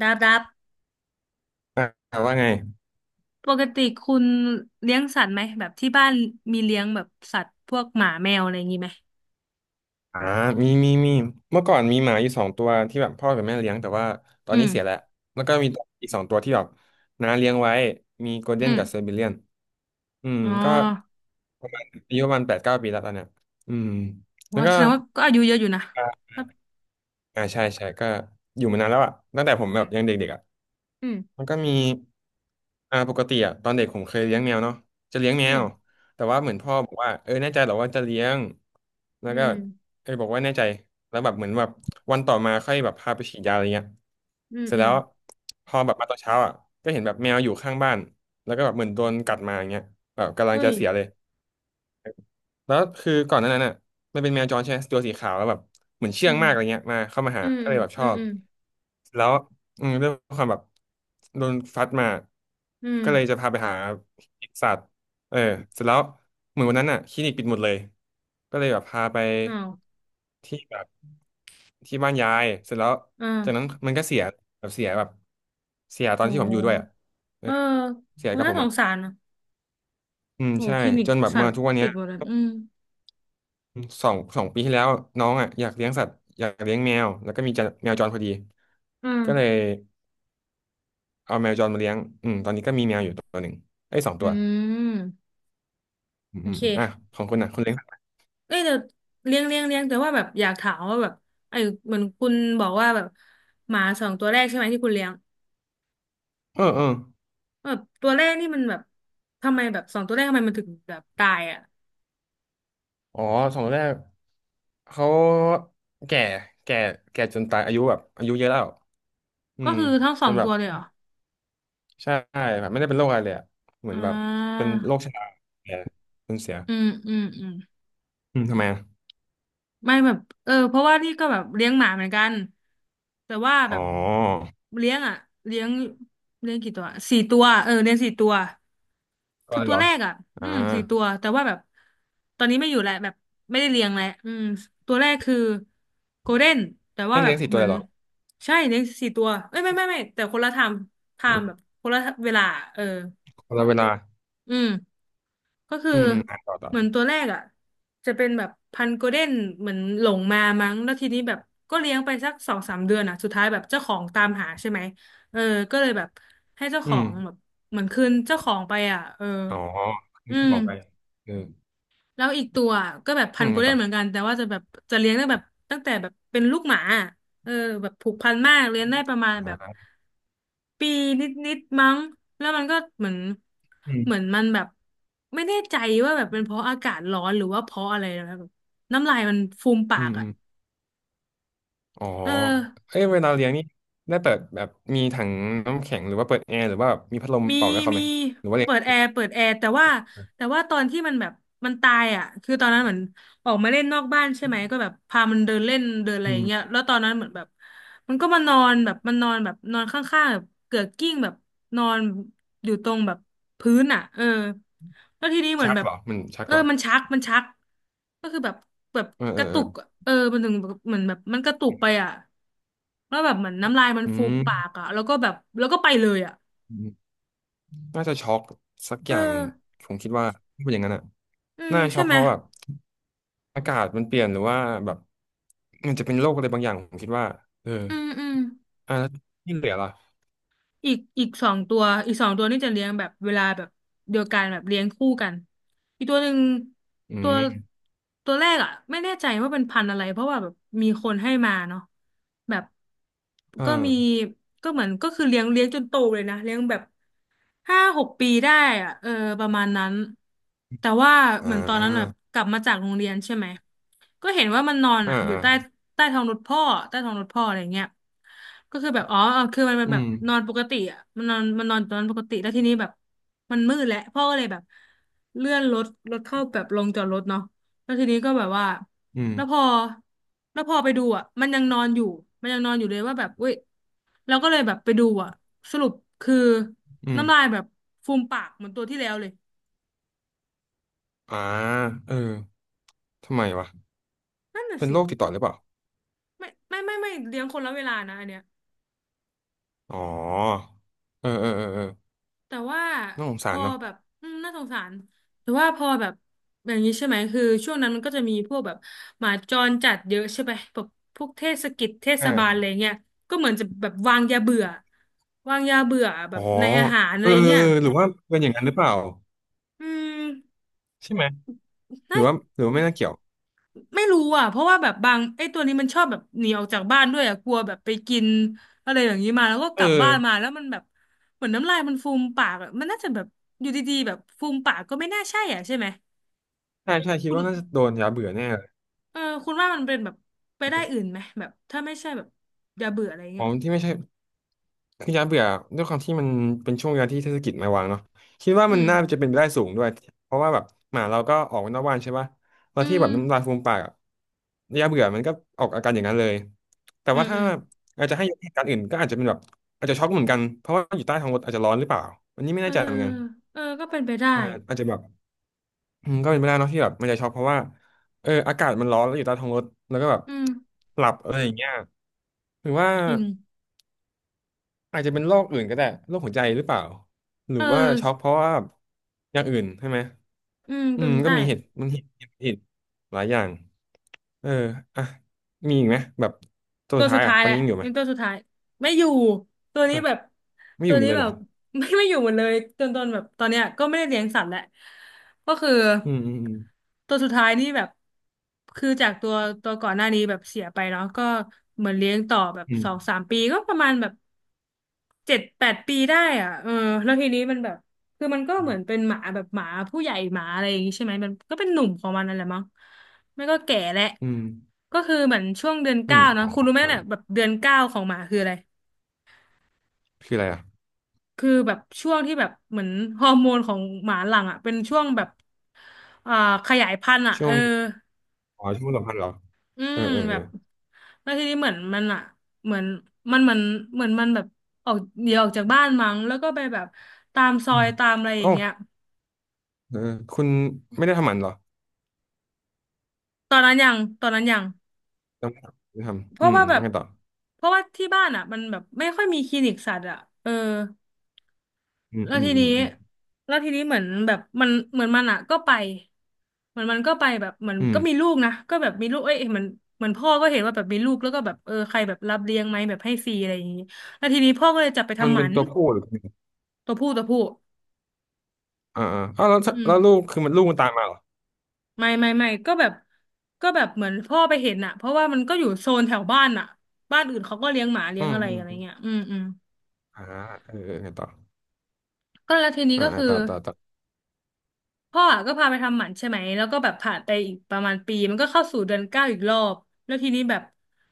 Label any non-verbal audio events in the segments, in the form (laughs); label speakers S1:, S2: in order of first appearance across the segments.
S1: ดับดับ
S2: อ่าว่าไง
S1: ปกติคุณเลี้ยงสัตว์ไหมแบบที่บ้านมีเลี้ยงแบบสัตว์พวกหมาแมวอะไรอย่างงี้ไหม
S2: อ่ามีมีมีเมื่อก่อนมีหมาอยู่สองตัวที่แบบพ่อกับแม่เลี้ยงแต่ว่าตอน
S1: อื
S2: นี้เสียแล้
S1: ม
S2: ว แล้วก็มีอีกสองตัวที่แบบน้าเลี้ยงไว้มีโกล
S1: อื
S2: เด้นกับเซอร์
S1: ม
S2: เบเลียนอืม
S1: อ๋
S2: ก็
S1: อ
S2: ประมาณอายุประมาณแปดเก้าปีแล้วตอนเนี้ยอืมแล้ว
S1: ว่า
S2: ก็
S1: แสดงว่าก็อายุเยอะอยู่นะ
S2: อ่า
S1: ครับ
S2: อ่าใช่ใช่ก็อยู่มานานแล้วอ่ะตั้งแต่ผม
S1: อื
S2: แบบ
S1: ม
S2: ยังเด็กๆอ่ะ
S1: อืม
S2: มันก็มีปกติอะตอนเด็กผมเคยเลี้ยงแมวเนาะจะเลี้ยงแม
S1: อื
S2: ว
S1: ม
S2: แต่ว่าเหมือนพ่อบอกว่าเออแน่ใจเหรอว่าจะเลี้ยงแล้
S1: อื
S2: วก็
S1: ม
S2: เออบอกว่าแน่ใจแล้วแบบเหมือนแบบวันต่อมาค่อยแบบพาไปฉีดยาอะไรเงี้ย
S1: อืม
S2: เสร็จ
S1: อื
S2: แล้
S1: ม
S2: วพอแบบมาตอนเช้าอ่ะก็เห็นแบบแมวอยู่ข้างบ้านแล้วก็แบบเหมือนโดนกัดมาอย่างเงี้ยแบบกำลัง
S1: เฮ้
S2: จะ
S1: ย
S2: เสียเลย แล้วคือก่อนหน้านั้นน่ะมันเป็นแมวจรใช่ไหมตัวสีขาวแล้วแบบเหมือน
S1: อื
S2: เชื่อง
S1: ม
S2: มากอะไรเงี้ยมาเข้ามาหา
S1: อืม
S2: ก็เลยแบบช
S1: อื
S2: อ
S1: ม
S2: บ
S1: อืม
S2: แล้วอืมด้วยความแบบโดนฟัดมา
S1: อืม
S2: ก็เลยจะพาไปหาสัตว์เออเสร็จแล้วเหมือนวันนั้นน่ะคลินิกปิดหมดเลยก็เลยแบบพาไป
S1: อ้าว
S2: ที่แบบที่บ้านยายเสร็จแล้วจากนั้
S1: อ่า
S2: นมันก็เสียแบบเสียแบบเสียต
S1: โ
S2: อนที่ผมอยู่ด้วยอ่ะ
S1: ห
S2: เอ
S1: เอ
S2: อ
S1: อ
S2: เสีย
S1: โห
S2: กับ
S1: น่า
S2: ผม
S1: ส
S2: อ่ะ
S1: งสารนะ
S2: อืม
S1: โห
S2: ใช่
S1: คลินิก
S2: จนแบบ
S1: สัต
S2: มา
S1: ว์
S2: ทุกวัน
S1: ปิ
S2: เนี้
S1: ด
S2: ย
S1: หมดแล้วอืม
S2: สองสองปีที่แล้วน้องอ่ะอยากเลี้ยงสัตว์อยากเลี้ยงแมวแล้วก็มีจะแมวจรพอดี
S1: อ
S2: ก็เลย
S1: ่า
S2: เอาแมวจรมาเลี้ยงอืมตอนนี้ก็มีแมวอยู่ตัวหนึ่งไอ้ยสอง
S1: อื
S2: ตัว
S1: ม
S2: อืม
S1: โอ
S2: อืม
S1: เค
S2: อมอ่ะของคุณอ่ะคุณเลี้ยงสัตว์
S1: เอ้ยแต่เลี้ยงแต่ว่าแบบอยากถามว่าแบบไอ้เหมือนคุณบอกว่าแบบหมาสองตัวแรกใช่ไหมที่คุณเลี้ยง
S2: เออเออ
S1: แบบตัวแรกนี่มันแบบทำไมแบบสองตัวแรกทำไมมันถึงแบบตายอ่ะ
S2: อ๋อสองตัวแรกเขาแก่แก่แก่จนตายอายุแบบอายุเยอะแล้วอื
S1: ก็
S2: ม
S1: คือทั้งส
S2: จ
S1: อ
S2: น
S1: ง
S2: แบ
S1: ตั
S2: บ
S1: วเลยเหรอ
S2: ใช่แบบไม่ได้เป็นโรคอะไรเลยอะเหมือ
S1: อ่
S2: นแบบเป็
S1: า
S2: นโรคชราแก่จนเสีย
S1: อืมอืมอืม
S2: อืมทำไมอะ
S1: ไม่แบบเออเพราะว่านี่ก็แบบเลี้ยงหมาเหมือนกันแต่ว่าแบ
S2: อ๋อ
S1: บเลี้ยงอ่ะเลี้ยงเลี้ยงกี่ตัวสี่ตัวเออเลี้ยงสี่ตัว
S2: ก็
S1: คือ
S2: เลย
S1: ตั
S2: เหร
S1: ว
S2: อ
S1: แรกอ่ะ
S2: อ่า
S1: อืมสี่ตัวแต่ว่าแบบตอนนี้ไม่อยู่แล้วแบบไม่ได้เลี้ยงแล้วอืมตัวแรกคือโกลเด้นแต่ว่า
S2: ไม่
S1: แบ
S2: เลี้ย
S1: บ
S2: งสี่ตั
S1: เห
S2: ว
S1: มือ
S2: เล
S1: น
S2: ยเหรอ
S1: ใช่เลี้ยงสี่ตัวเอ้ยไม่ไม่ไม่แต่คนละไทม์ไทม์แบบคนละเวลาเออ
S2: คนละเวลา
S1: อืม ก็คือ
S2: อืมอืมอ่ะต่อต่อ
S1: เหมือนตัวแรกอ่ะจะเป็นแบบพันธุ์โกลเด้นเหมือนหลงมามั้งแล้วทีนี้แบบก็เลี้ยงไปสักสองสามเดือนอ่ะสุดท้ายแบบเจ้าของตามหาใช่ไหมเออก็เลยแบบให้เจ้าข
S2: อื
S1: อ
S2: ม
S1: งแบบเหมือนคืนเจ้าของไปอ่ะเออ
S2: อ๋อ
S1: อื
S2: นี่จะ
S1: ม
S2: บอกไปเออ
S1: แล้วอีกตัวก็แบบพั
S2: อื
S1: น
S2: ม
S1: ธุ์โก
S2: ไง
S1: ลเด้
S2: ต่
S1: น
S2: อ
S1: เหมือนกันแต่ว่าจะแบบจะเลี้ยงได้แบบตั้งแต่แบบเป็นลูกหมาเออแบบผูกพันมากเลี้ยงได้ประมาณแบบ
S2: อ่า
S1: ปีนิดๆมั้งแล้วมันก็เหมือน
S2: อื
S1: เหมือน
S2: ม
S1: มันแบบไม่แน่ใจว่าแบบเป็นเพราะอากาศร้อนหรือว่าเพราะอะไรนะแบบน้ำลายมันฟูมปา
S2: อื
S1: ก
S2: มอื
S1: อ่ะ
S2: มอ๋อ
S1: เออ
S2: เอ้ยเวลาเลี้ยงนี่ได้เปิดแบบมีถังน้ำแข็งหรือว่าเปิดแอร์หรือว่ามีพัดลม
S1: มี
S2: เป่าไว้เขา
S1: มี
S2: ไหมหรือว่าเลี้ย
S1: เปิดแอ
S2: ง
S1: ร์เปิดแอร์แต่ว่าแต่ว่าตอนที่มันแบบมันตายอ่ะคือตอนนั้นเหมือนออกมาเล่นนอกบ้านใช่ไหมก็แบบพามันเดินเล่นเดินอะไร
S2: อื
S1: อย่างเงี้ย
S2: ม
S1: แล้วตอนนั้นเหมือนแบบมันก็มานอนแบบมันนอนแบบนอนข้างๆแบบเกือกกิ้งแบบนอนอยู่ตรงแบบพื้นอ่ะเออแล้วทีนี้เหมือน
S2: ชัก
S1: แบบ
S2: เหรอมันชัก
S1: เออ
S2: เหรอ
S1: มันชักมันชักก็คือแบบแบบ
S2: เออ
S1: ก
S2: เออ
S1: ระ
S2: เอ
S1: ตุ
S2: อ
S1: กอะเออมันถึงแบบเหมือนแบบมันกระตุกไปอ่ะแล้วแบบเหมือนน้ำลายมัน
S2: อื
S1: ฟูม
S2: ม
S1: ปากอ่ะแล้วก็แบบแล้วก็ไปเลยอ่ะ
S2: อืมน่าจะช็อกสัก
S1: เอ
S2: อ
S1: อ
S2: ย่างผมคิดว่าถ้าเป็นอย่างนั้นอ่ะ
S1: อืม
S2: น่า
S1: ใช่
S2: ช็อก
S1: ไหม
S2: เพราะแบบอากาศมันเปลี่ยนหรือว่าแบบมันจะเป็นโรคอะไรบางอย่างผมคิดว่าเออ
S1: อืมอืม
S2: อ่ะแล้วที่เหลือล่ะ
S1: อีกสองตัวอีกสองตัวนี่จะเลี้ยงแบบเวลาแบบเดียวกันแบบเลี้ยงคู่กันอีกตัวหนึ่ง
S2: อื
S1: ตัว
S2: ม
S1: ตัวแรกอ่ะไม่แน่ใจว่าเป็นพันธุ์อะไรเพราะว่าแบบมีคนให้มาเนาะแบบ
S2: เอ
S1: ก็มี
S2: อ
S1: ก็เหมือนก็คือเลี้ยงจนโตเลยนะเลี้ยงแบบห้าหกปีได้อ่ะเออประมาณนั้นแต่ว่า
S2: อ่
S1: เหมือนตอนนั้นแบบ
S2: า
S1: กลับมาจากโรงเรียนใช่ไหมก็เห็นว่ามันนอน
S2: อ่า
S1: อ่ะอยู่ใต้
S2: อ่า
S1: ใต้ท้องรถพ่อใต้ท้องรถพ่ออะไรเงี้ย ก็คือแบบอ๋อคือมันเป็น
S2: อื
S1: แบบ
S2: ม
S1: นอนปกติอ่ะมันนอนตอนนั้นปกติแล้วทีนี้แบบมันมืดแล้วพ่อก็เลยแบบเลื่อนรถเข้าแบบลงจอดรถเนาะแล้วทีนี้ก็แบบว่า
S2: อื
S1: แล้วพ
S2: ม
S1: อแล้วพอไปดูอ่ะมันยังนอนอยู่มันยังนอนอยู่เลยว่าแบบเว้ยเราก็เลยแบบไปดูอ่ะสรุปคือ
S2: อื
S1: น้ำลาย
S2: ม
S1: แบบฟูมปากเหมือนตัวที่แล้วเลย
S2: อ่าเออทำไมวะ
S1: นั่นน่ะ
S2: เป็น
S1: สิ
S2: โรคติดต่อหรือเปล่า
S1: ไม่ไม่ไม่ไม่เลี้ยงคนละเวลานะอันเนี้ย
S2: อ๋อ เออเออเออเออ
S1: แต่ว่า
S2: น่าสง
S1: พ
S2: สาร
S1: อ
S2: เนาะ
S1: แบบอืมน่าสงสารแต่ว่าพอแบบอย่างนี้ใช่ไหมคือช่วงนั้นมันก็จะมีพวกแบบหมาจรจัดเยอะใช่ไหมแบบพวกเทศกิจเทศบาลอะไร
S2: อ่า
S1: เงี้ยก็เหมือนจะแบบวางยาเบื่อวางยาเบื่อแบ
S2: อ๋อ
S1: บในอาหารอะ
S2: เอ
S1: ไร
S2: อเออ
S1: เงี้ย
S2: เออหรือว่าเป็นอย่างนั้นหรือเปล่า
S1: อืม
S2: ใช่ไหม หรื
S1: น่า
S2: อว่า หรือว่าไม่น่าเกี่ยว
S1: ไม่รู้อ่ะเพราะว่าแบบบางไอ้ตัวนี้มันชอบแบบหนีออกจากบ้านด้วยอ่ะกลัวแบบไปกินอะไรอย่างนี้มาแล้วก็ก
S2: เอ
S1: ลับบ้านมา
S2: อ
S1: แล้วมันแบบเหมือนน้ำลายมันฟูมปากอะมันน่าจะแบบอยู่ดีๆแบบฟูมปากก็ไม่น่าใช่อ่ะใช่ไหม
S2: ใช่ใช่ คิด
S1: คุณ
S2: ว่าน่าจะโดนยาเบื่อแน่เลย
S1: เออคุณว่ามันเป็นแบบไปได้อื่นไหมแบบถ้าไม่ใช่แบบอย่าเบื่ออะไร
S2: อ๋อ
S1: เงี้ย
S2: ที่ไม่ใช่ คือย้ายเบื่อด้วยความที่มันเป็นช่วงเวลาที่เทศกิจมาวางเนาะคิดว่า
S1: อื
S2: มัน
S1: ม
S2: น่าจะเป็นไปได้สูงด้วยเพราะว่าแบบหมาเราก็ออกนอกบ้านใช่ปะแล้ว
S1: อื
S2: ที่แบ
S1: ม
S2: บน้ำลายฟูมปากอะยาเบื่อมันก็ออกอาการอย่างนั้นเลยแต่
S1: อื
S2: ว่า
S1: มอื
S2: ถ้า
S1: ม
S2: อาจจะให้ยกเหตุการณ์อื่นก็อาจจะเป็นแบบอาจจะช็อกเหมือนกันเพราะว่าอยู่ใต้ท้องรถอาจจะร้อนหรือเปล่าอันนี้ไม่
S1: เอ
S2: แน่
S1: อ
S2: ใจเหมือนกัน
S1: เออก็เป็นไปได้
S2: อ่าอาจจะแบบอืมก็เป็นไปได้เนาะที่แบบมันจะช็อกเพราะว่าเอออากาศมันร้อนแล้วอยู่ใต้ท้องรถแล้วก็แบบ
S1: อืม
S2: หลับอะไรอย่างเงี้ยหรือว่า
S1: จริง
S2: อาจจะเป็นโรคอื่นก็ได้โรคหัวใจหรือเปล่าหรื
S1: เอ
S2: อ
S1: อ
S2: ว่าช็อกเพราะว่าอย่างอื่นใช่ไหม
S1: อืม
S2: อื
S1: เป็
S2: ม
S1: นไป
S2: ก็
S1: ได้
S2: มีเหตุมันเหตุเหตุเหตุหลายอย่างเอออ่ะมีอีกไหมแบบตัว
S1: ตั
S2: สุ
S1: ว
S2: ด
S1: สุ
S2: ท้า
S1: ด
S2: ยอ่ะ
S1: ท้าย
S2: ตอ
S1: แห
S2: น
S1: ละ
S2: นี้ยังอยู่ไหม
S1: เป็นตัวสุดท้ายไม่อยู่ตัว
S2: เอ
S1: นี้
S2: อ
S1: แบบ
S2: ไม่อ
S1: ตัว
S2: ยู่หม
S1: นี้
S2: ดเลย
S1: แบ
S2: เหรอ
S1: บ (laughs) ไม่อยู่หมดเลยจนตนแบบตอนเนี้ยก็ไม่ได้เลี้ยงสัตว์แหละก็คือ
S2: อืมอืมอืม
S1: ตัวสุดท้ายนี่แบบคือจากตัวก่อนหน้านี้แบบเสียไปเนาะก็เหมือนเลี้ยงต่อแบบ
S2: อื
S1: ส
S2: ม
S1: องสามปีก็ประมาณแบบเจ็ดแปดปีได้อ่ะเออแล้วทีนี้มันแบบ คือมันก็เหมือนเป็นหมาแบบหมาผู้ใหญ่หมาอะไรอย่างงี้ใช่ไหมมันก็เป็นหนุ่มของมันนั่นแหละมั้งไม่ก็แก่แหละ
S2: อืม
S1: ก็คือเหมือนช่วงเดือน
S2: อื
S1: เก้า
S2: ม
S1: นะ
S2: อ๋อ
S1: คุณรู้ไหม
S2: เออ
S1: เนี่ยแบบเดือนเก้าของหมาคืออะไร
S2: คืออะไรอ่ะ
S1: คือแบบช่วงที่แบบเหมือนฮอร์โมนของหมาหลังอ่ะเป็นช่วงแบบอ่าขยายพันธุ์อ่ะ
S2: ช่
S1: เอ
S2: ว
S1: อ
S2: งอ๋อช่วงสัมพันธ์เหรอ
S1: อื
S2: เอ
S1: ม
S2: อเออ
S1: แบ
S2: เออ
S1: บแล้วทีนี้เหมือนมันอ่ะเหมือนมันเหมือนเหมือนมันแบบออกเดี๋ยวออกจากบ้านมั้งแล้วก็ไปแบบตามซอ
S2: อื
S1: ย
S2: ม
S1: ตามอะไรอ
S2: โอ้
S1: ย่างเงี้ย
S2: เออคุณไม่ได้ทำหมันเหรอ
S1: ตอนนั้นยังตอนนั้นยัง
S2: ทำไม่ได้
S1: เพ
S2: ทำอื
S1: ราะ
S2: ม
S1: ว่าแบ
S2: แล้ว
S1: บ
S2: ไงต่อ
S1: เพราะว่าที่บ้านอ่ะมันแบบไม่ค่อยมีคลินิกสัตว์อ่ะเออ
S2: อืม
S1: แล้ว
S2: อืม
S1: ที
S2: อื
S1: นี้
S2: มอืม
S1: แล้วทีนี้เหมือนแบบมันเหมือนมันอ่ะก็ไปเหมือนมันก็ไปแบบเหมือน
S2: อืม
S1: ก็มีลูกนะก็แบบมีลูกเอ้ยเหมือนเหมือนพ่อก็เห็นว่าแบบมีลูกแล้วก็แบบเออใครแบบรับเลี้ยงไหมแบบให้ฟรีอะไรอย่างงี้แล้วทีนี้พ่อก็เลยจับไป
S2: มัน
S1: ทำห
S2: เป็
S1: มั
S2: น
S1: น
S2: ตัวผู้หรือ
S1: ตัวผู้ตัวผู้
S2: อ่าอ่าอ้าวแล้ว
S1: อืม
S2: แล้วลูกคือมันลูกมันตามมาเหรอ
S1: ไม่ไม่ไม่ก็แบบก็แบบเหมือนพ่อไปเห็นอ่ะเพราะว่ามันก็อยู่โซนแถวบ้านอ่ะบ้านอื่นเขาก็เลี้ยงหมาเลี้
S2: อื
S1: ยง
S2: ม
S1: อะไร
S2: อืม
S1: อะไรเงี้ยอืมอืม
S2: อ่าเออเออไงต่อ
S1: ก็แล้วทีนี้
S2: อ่า
S1: ก็
S2: อ่า
S1: คือ
S2: ต่อต่อต่อ
S1: พ่ออะก็พาไปทำหมันใช่ไหมแล้วก็แบบผ่านไปอีกประมาณปีมันก็เข้าสู่เดือนเก้าอีกรอบแล้วทีนี้แบบ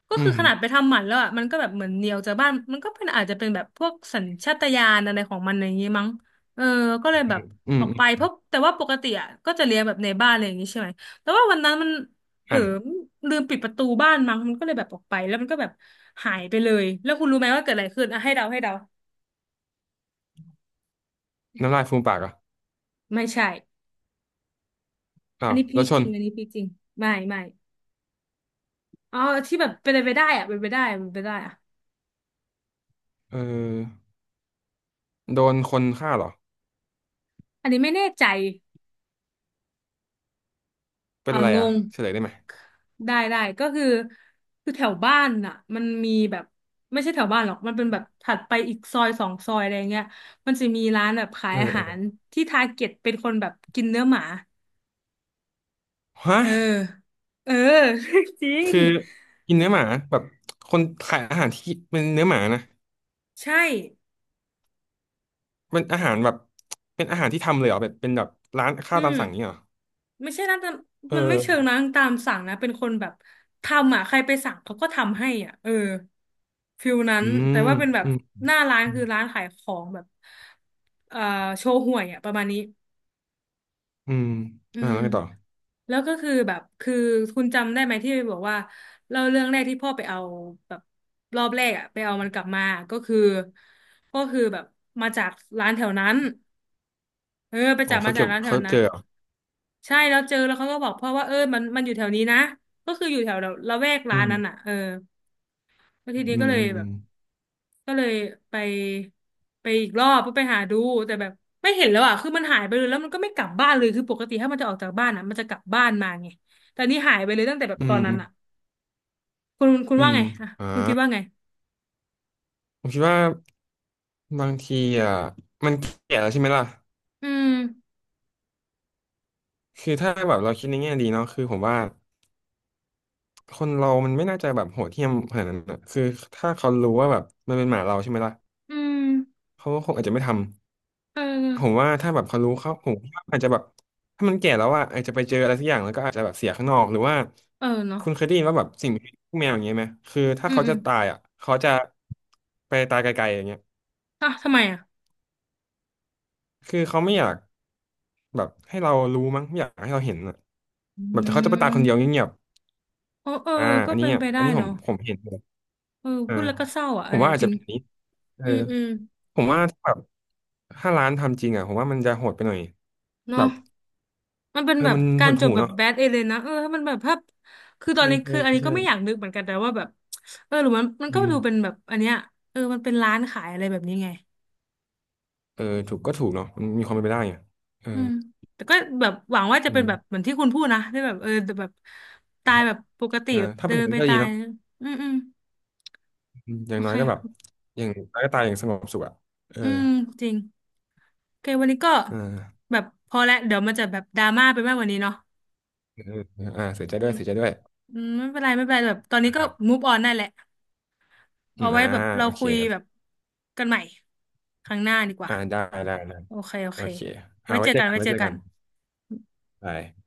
S1: ก็
S2: อื
S1: คือ
S2: ม
S1: ขนาดไปทำหมันแล้วอ่ะมันก็แบบเหมือนเหนียวจากบ้านมันก็เป็นอาจจะเป็นแบบพวกสัญชาตญาณอะไรของมันอย่างงี้มั้งเออก็เลยแบบ
S2: อื
S1: อ
S2: ม
S1: อกไป
S2: อ
S1: เพ
S2: ม
S1: ราะแต่ว่าปกติอ่ะก็จะเลี้ยงแบบในบ้านอะไรอย่างงี้ใช่ไหมแต่ว่าวันนั้นมันเผลอ
S2: อ่า
S1: ลืมปิดประตูบ้านมั้งมันก็เลยแบบออกไปแล้วมันก็แบบหายไปเลยแล้วคุณรู้ไหมว่าเกิดอะไรขึ้นอ่ะให้เดาให้เดา
S2: น้ำลายฟูมปากเหรอ่ะ
S1: ไม่ใช่
S2: อ้า
S1: อัน
S2: ว
S1: นี้พี
S2: แล้ว
S1: ค
S2: ช
S1: จ
S2: น
S1: ริงอันนี้พีคจริงไม่ไม่ อ๋อที่แบบเป็นไปได้อะเป็นไปได้เป็นไปได้อะ
S2: เออโดนคนฆ่าเหรอ
S1: อันนี้ไม่แน่ใจ
S2: เป็
S1: เอ
S2: น
S1: อ
S2: อะไร
S1: ง
S2: อ่ะ
S1: ง
S2: เฉลยได้ไหม
S1: ได้ได้ก็คือคือแถวบ้านน่ะมันมีแบบไม่ใช่แถวบ้านหรอกมันเป็นแบบถัดไปอีกซอยสองซอยอะไรเงี้ยมันจะมีร้านแบบขา
S2: เอ
S1: ย
S2: อ
S1: อา
S2: เอ
S1: หา
S2: อ
S1: รที่ทาร์เก็ตเป็นคนแบบกินเนื้อหมา
S2: ฮะ
S1: เออเออ (laughs) จริง
S2: คือกินเนื้อหมาแบบคนขายอาหารที่เป็นเนื้อหมานะ
S1: ใช่
S2: เป็นอาหารแบบเป็นอาหารที่ทำเลยเหรอแบบเป็นแบบร้านข้า
S1: อื
S2: วตาม
S1: ม
S2: สั่งนี้ยเหรอ
S1: ไม่ใช่นะแต่
S2: เอ
S1: มันไม่เชิง
S2: อ
S1: นะตามสั่งนะเป็นคนแบบทำอ่ะใครไปสั่งเขาก็ทำให้อ่ะเออฟิลนั้น
S2: อื
S1: แต่
S2: ม
S1: ว่าเป็นแบบ
S2: อืม
S1: หน้าร้าน
S2: อืม
S1: คือร้านขายของแบบเอ่อโชห่วยอ่ะประมาณนี้
S2: อืม
S1: อื
S2: อ่า
S1: ม
S2: แล้วไงต่อ
S1: แล้วก็คือแบบคือคุณจำได้ไหมที่บอกว่าเล่าเรื่องแรกที่พ่อไปเอาแบบรอบแรกอ่ะไปเอามันกลับมาก็คือก็คือแบบมาจากร้านแถวนั้นเออไป
S2: อ๋อ
S1: จับ
S2: เขา
S1: มาจา
S2: เก็
S1: ก
S2: บ
S1: ร้านแถว
S2: เขา
S1: นั้
S2: เจ
S1: น
S2: อเหรอ
S1: ใช่แล้วเจอแล้วเขาก็บอกพ่อว่าเออมันมันอยู่แถวนี้นะก็คืออยู่แถวละแวก
S2: อื
S1: ร้านนั้น
S2: ม
S1: อ่ะเออแล้วทีนี้
S2: อื
S1: ก็
S2: ม
S1: เลย
S2: อืม
S1: แบบก็เลยไปไปอีกรอบเพื่อไปหาดูแต่แบบไม่เห็นแล้วอ่ะคือมันหายไปเลยแล้วมันก็ไม่กลับบ้านเลยคือปกติถ้ามันจะออกจากบ้านอ่ะมันจะกลับบ้านมาไงแต่อันนี่หายไปเลยตั้งแต่แบบ
S2: อื
S1: ตอ
S2: ม
S1: นนั้
S2: อื
S1: น
S2: ม
S1: อ่ะคุณ
S2: อื
S1: ว่า
S2: ม
S1: ไงอ่ะ
S2: อ่า
S1: คุณคิดว่าไง
S2: ผมคิดว่าบางทีอ่ะมันเกลียดแล้วใช่ไหมล่ะ
S1: อืม
S2: คือถ้าแบบเราคิดในแง่ดีเนาะคือผมว่าคนเรามันไม่น่าจะแบบโหดเหี้ยมขนาดนั้นอะคือถ้าเขารู้ว่าแบบมันเป็นหมาเราใช่ไหมล่ะ
S1: อืม
S2: เขาก็คงอาจจะไม่ท
S1: เอ
S2: ำผม
S1: อ
S2: ว่าถ้าแบบเขารู้เขาผมว่าอาจจะแบบถ้ามันแก่แล้วอ่ะอาจจะไปเจออะไรสักอย่างแล้วก็อาจจะแบบเสียข้างนอกหรือว่า
S1: เออเนาะ
S2: คุณเคยได้ยินว่าแบบสิ่งมีชีวิตพวกแมวอย่างเงี้ยไหมคือถ้า
S1: อืม
S2: เขา
S1: อื
S2: จะ
S1: ม
S2: ตายอ่ะเขาจะไปตายไกลๆอย่างเงี้ย
S1: อ่ะทำไมอ่ะ
S2: คือเขาไม่อยาก แบบให้เรารู้มั้งไม่อยากให้เราเห็นอ่ะ
S1: อื
S2: แบบเขาจะไปตายคนเดียว
S1: ม
S2: เงียบ
S1: เออเออ
S2: ๆอ่า
S1: ก็
S2: อันนี้
S1: เป็น
S2: อ่ะ
S1: ไปได้
S2: อันนี้ผม
S1: เนาะ
S2: ผมเห็นเลย
S1: เออ
S2: อ่า
S1: พูดแล้วก็เศร้าอ่ะ
S2: ผ
S1: อัน
S2: ม
S1: เนี้
S2: ว่า
S1: ย
S2: อาจ
S1: จริ
S2: จะ
S1: ง
S2: เป็นอย่างนี้เออ
S1: อืมอืม
S2: ผมว่าถ้าแบบถ้าร้านทำจริงอ่ะผมว่ามันจะโหดไปหน่อยแบ
S1: เนาะ
S2: บ
S1: มันเป็น
S2: เออ
S1: แบบ
S2: มัน
S1: กา
S2: ห
S1: ร
S2: ด
S1: จบ
S2: หู่
S1: แบบ
S2: เนาะ
S1: แบดเอเลยนะเออถ้ามันแบบภาพคือตอน
S2: ใช่
S1: นี้
S2: ใช่
S1: คืออันนี้ก็
S2: ใช่
S1: ไม่อยากนึกเหมือนกันแต่ว่าแบบเออหรือมันมัน
S2: อื
S1: ก็
S2: ม
S1: ดูเป็นแบบอันเนี้ยเออมันเป็นร้านขายอะไรแบบนี้ไง
S2: เออถูกก็ถูกเนาะมันมีความเป็นไปได้ไงเออ
S1: อืมแต่ก็แบบหวังว่าจะ
S2: อื
S1: เป็น
S2: ม
S1: แบบเหมือนที่คุณพูดนะที่แบบเออแต่แบบตา
S2: ค
S1: ย
S2: รับ
S1: แบบปกติ
S2: เออ
S1: แบบ
S2: ถ้า
S1: เดิ
S2: เป็นอย่า
S1: น
S2: งนั้
S1: ไป
S2: นก็ดี
S1: ตาย
S2: เนาะ
S1: อืมอืม
S2: อืมอ
S1: โอ
S2: ย่างน้
S1: เค
S2: อยก็แบบอย่างน้อยก็ตายอย่างสงบสุขอ่ะเออ
S1: อืมจริงโอเควันนี้ก็
S2: อ่า
S1: แบบพอแล้วเดี๋ยวมันจะแบบดราม่าไปมากกว่านี้เนาะ
S2: เออเอออ่าเสียใจ
S1: อื
S2: ด้ว
S1: ม
S2: ยเสียใจด้วย
S1: อืมไม่เป็นไรไม่เป็นไรแบบตอนนี้
S2: นะค
S1: ก็
S2: รับ
S1: move on ได้แหละ
S2: อื
S1: เอา
S2: ม
S1: ไว้
S2: อ่า
S1: แบบเรา
S2: โอเค
S1: คุย
S2: โอ
S1: แบ
S2: เค
S1: บกันใหม่ครั้งหน้าดีกว่า
S2: อ่าได้ได้ได้
S1: โอเคโอ
S2: โอ
S1: เค
S2: เคอ่า
S1: ไว้
S2: ไว้
S1: เจอ
S2: เจอ
S1: กัน
S2: กัน
S1: ไว้
S2: ไว้
S1: เจอ
S2: เจอ
S1: กั
S2: กัน
S1: น
S2: บาย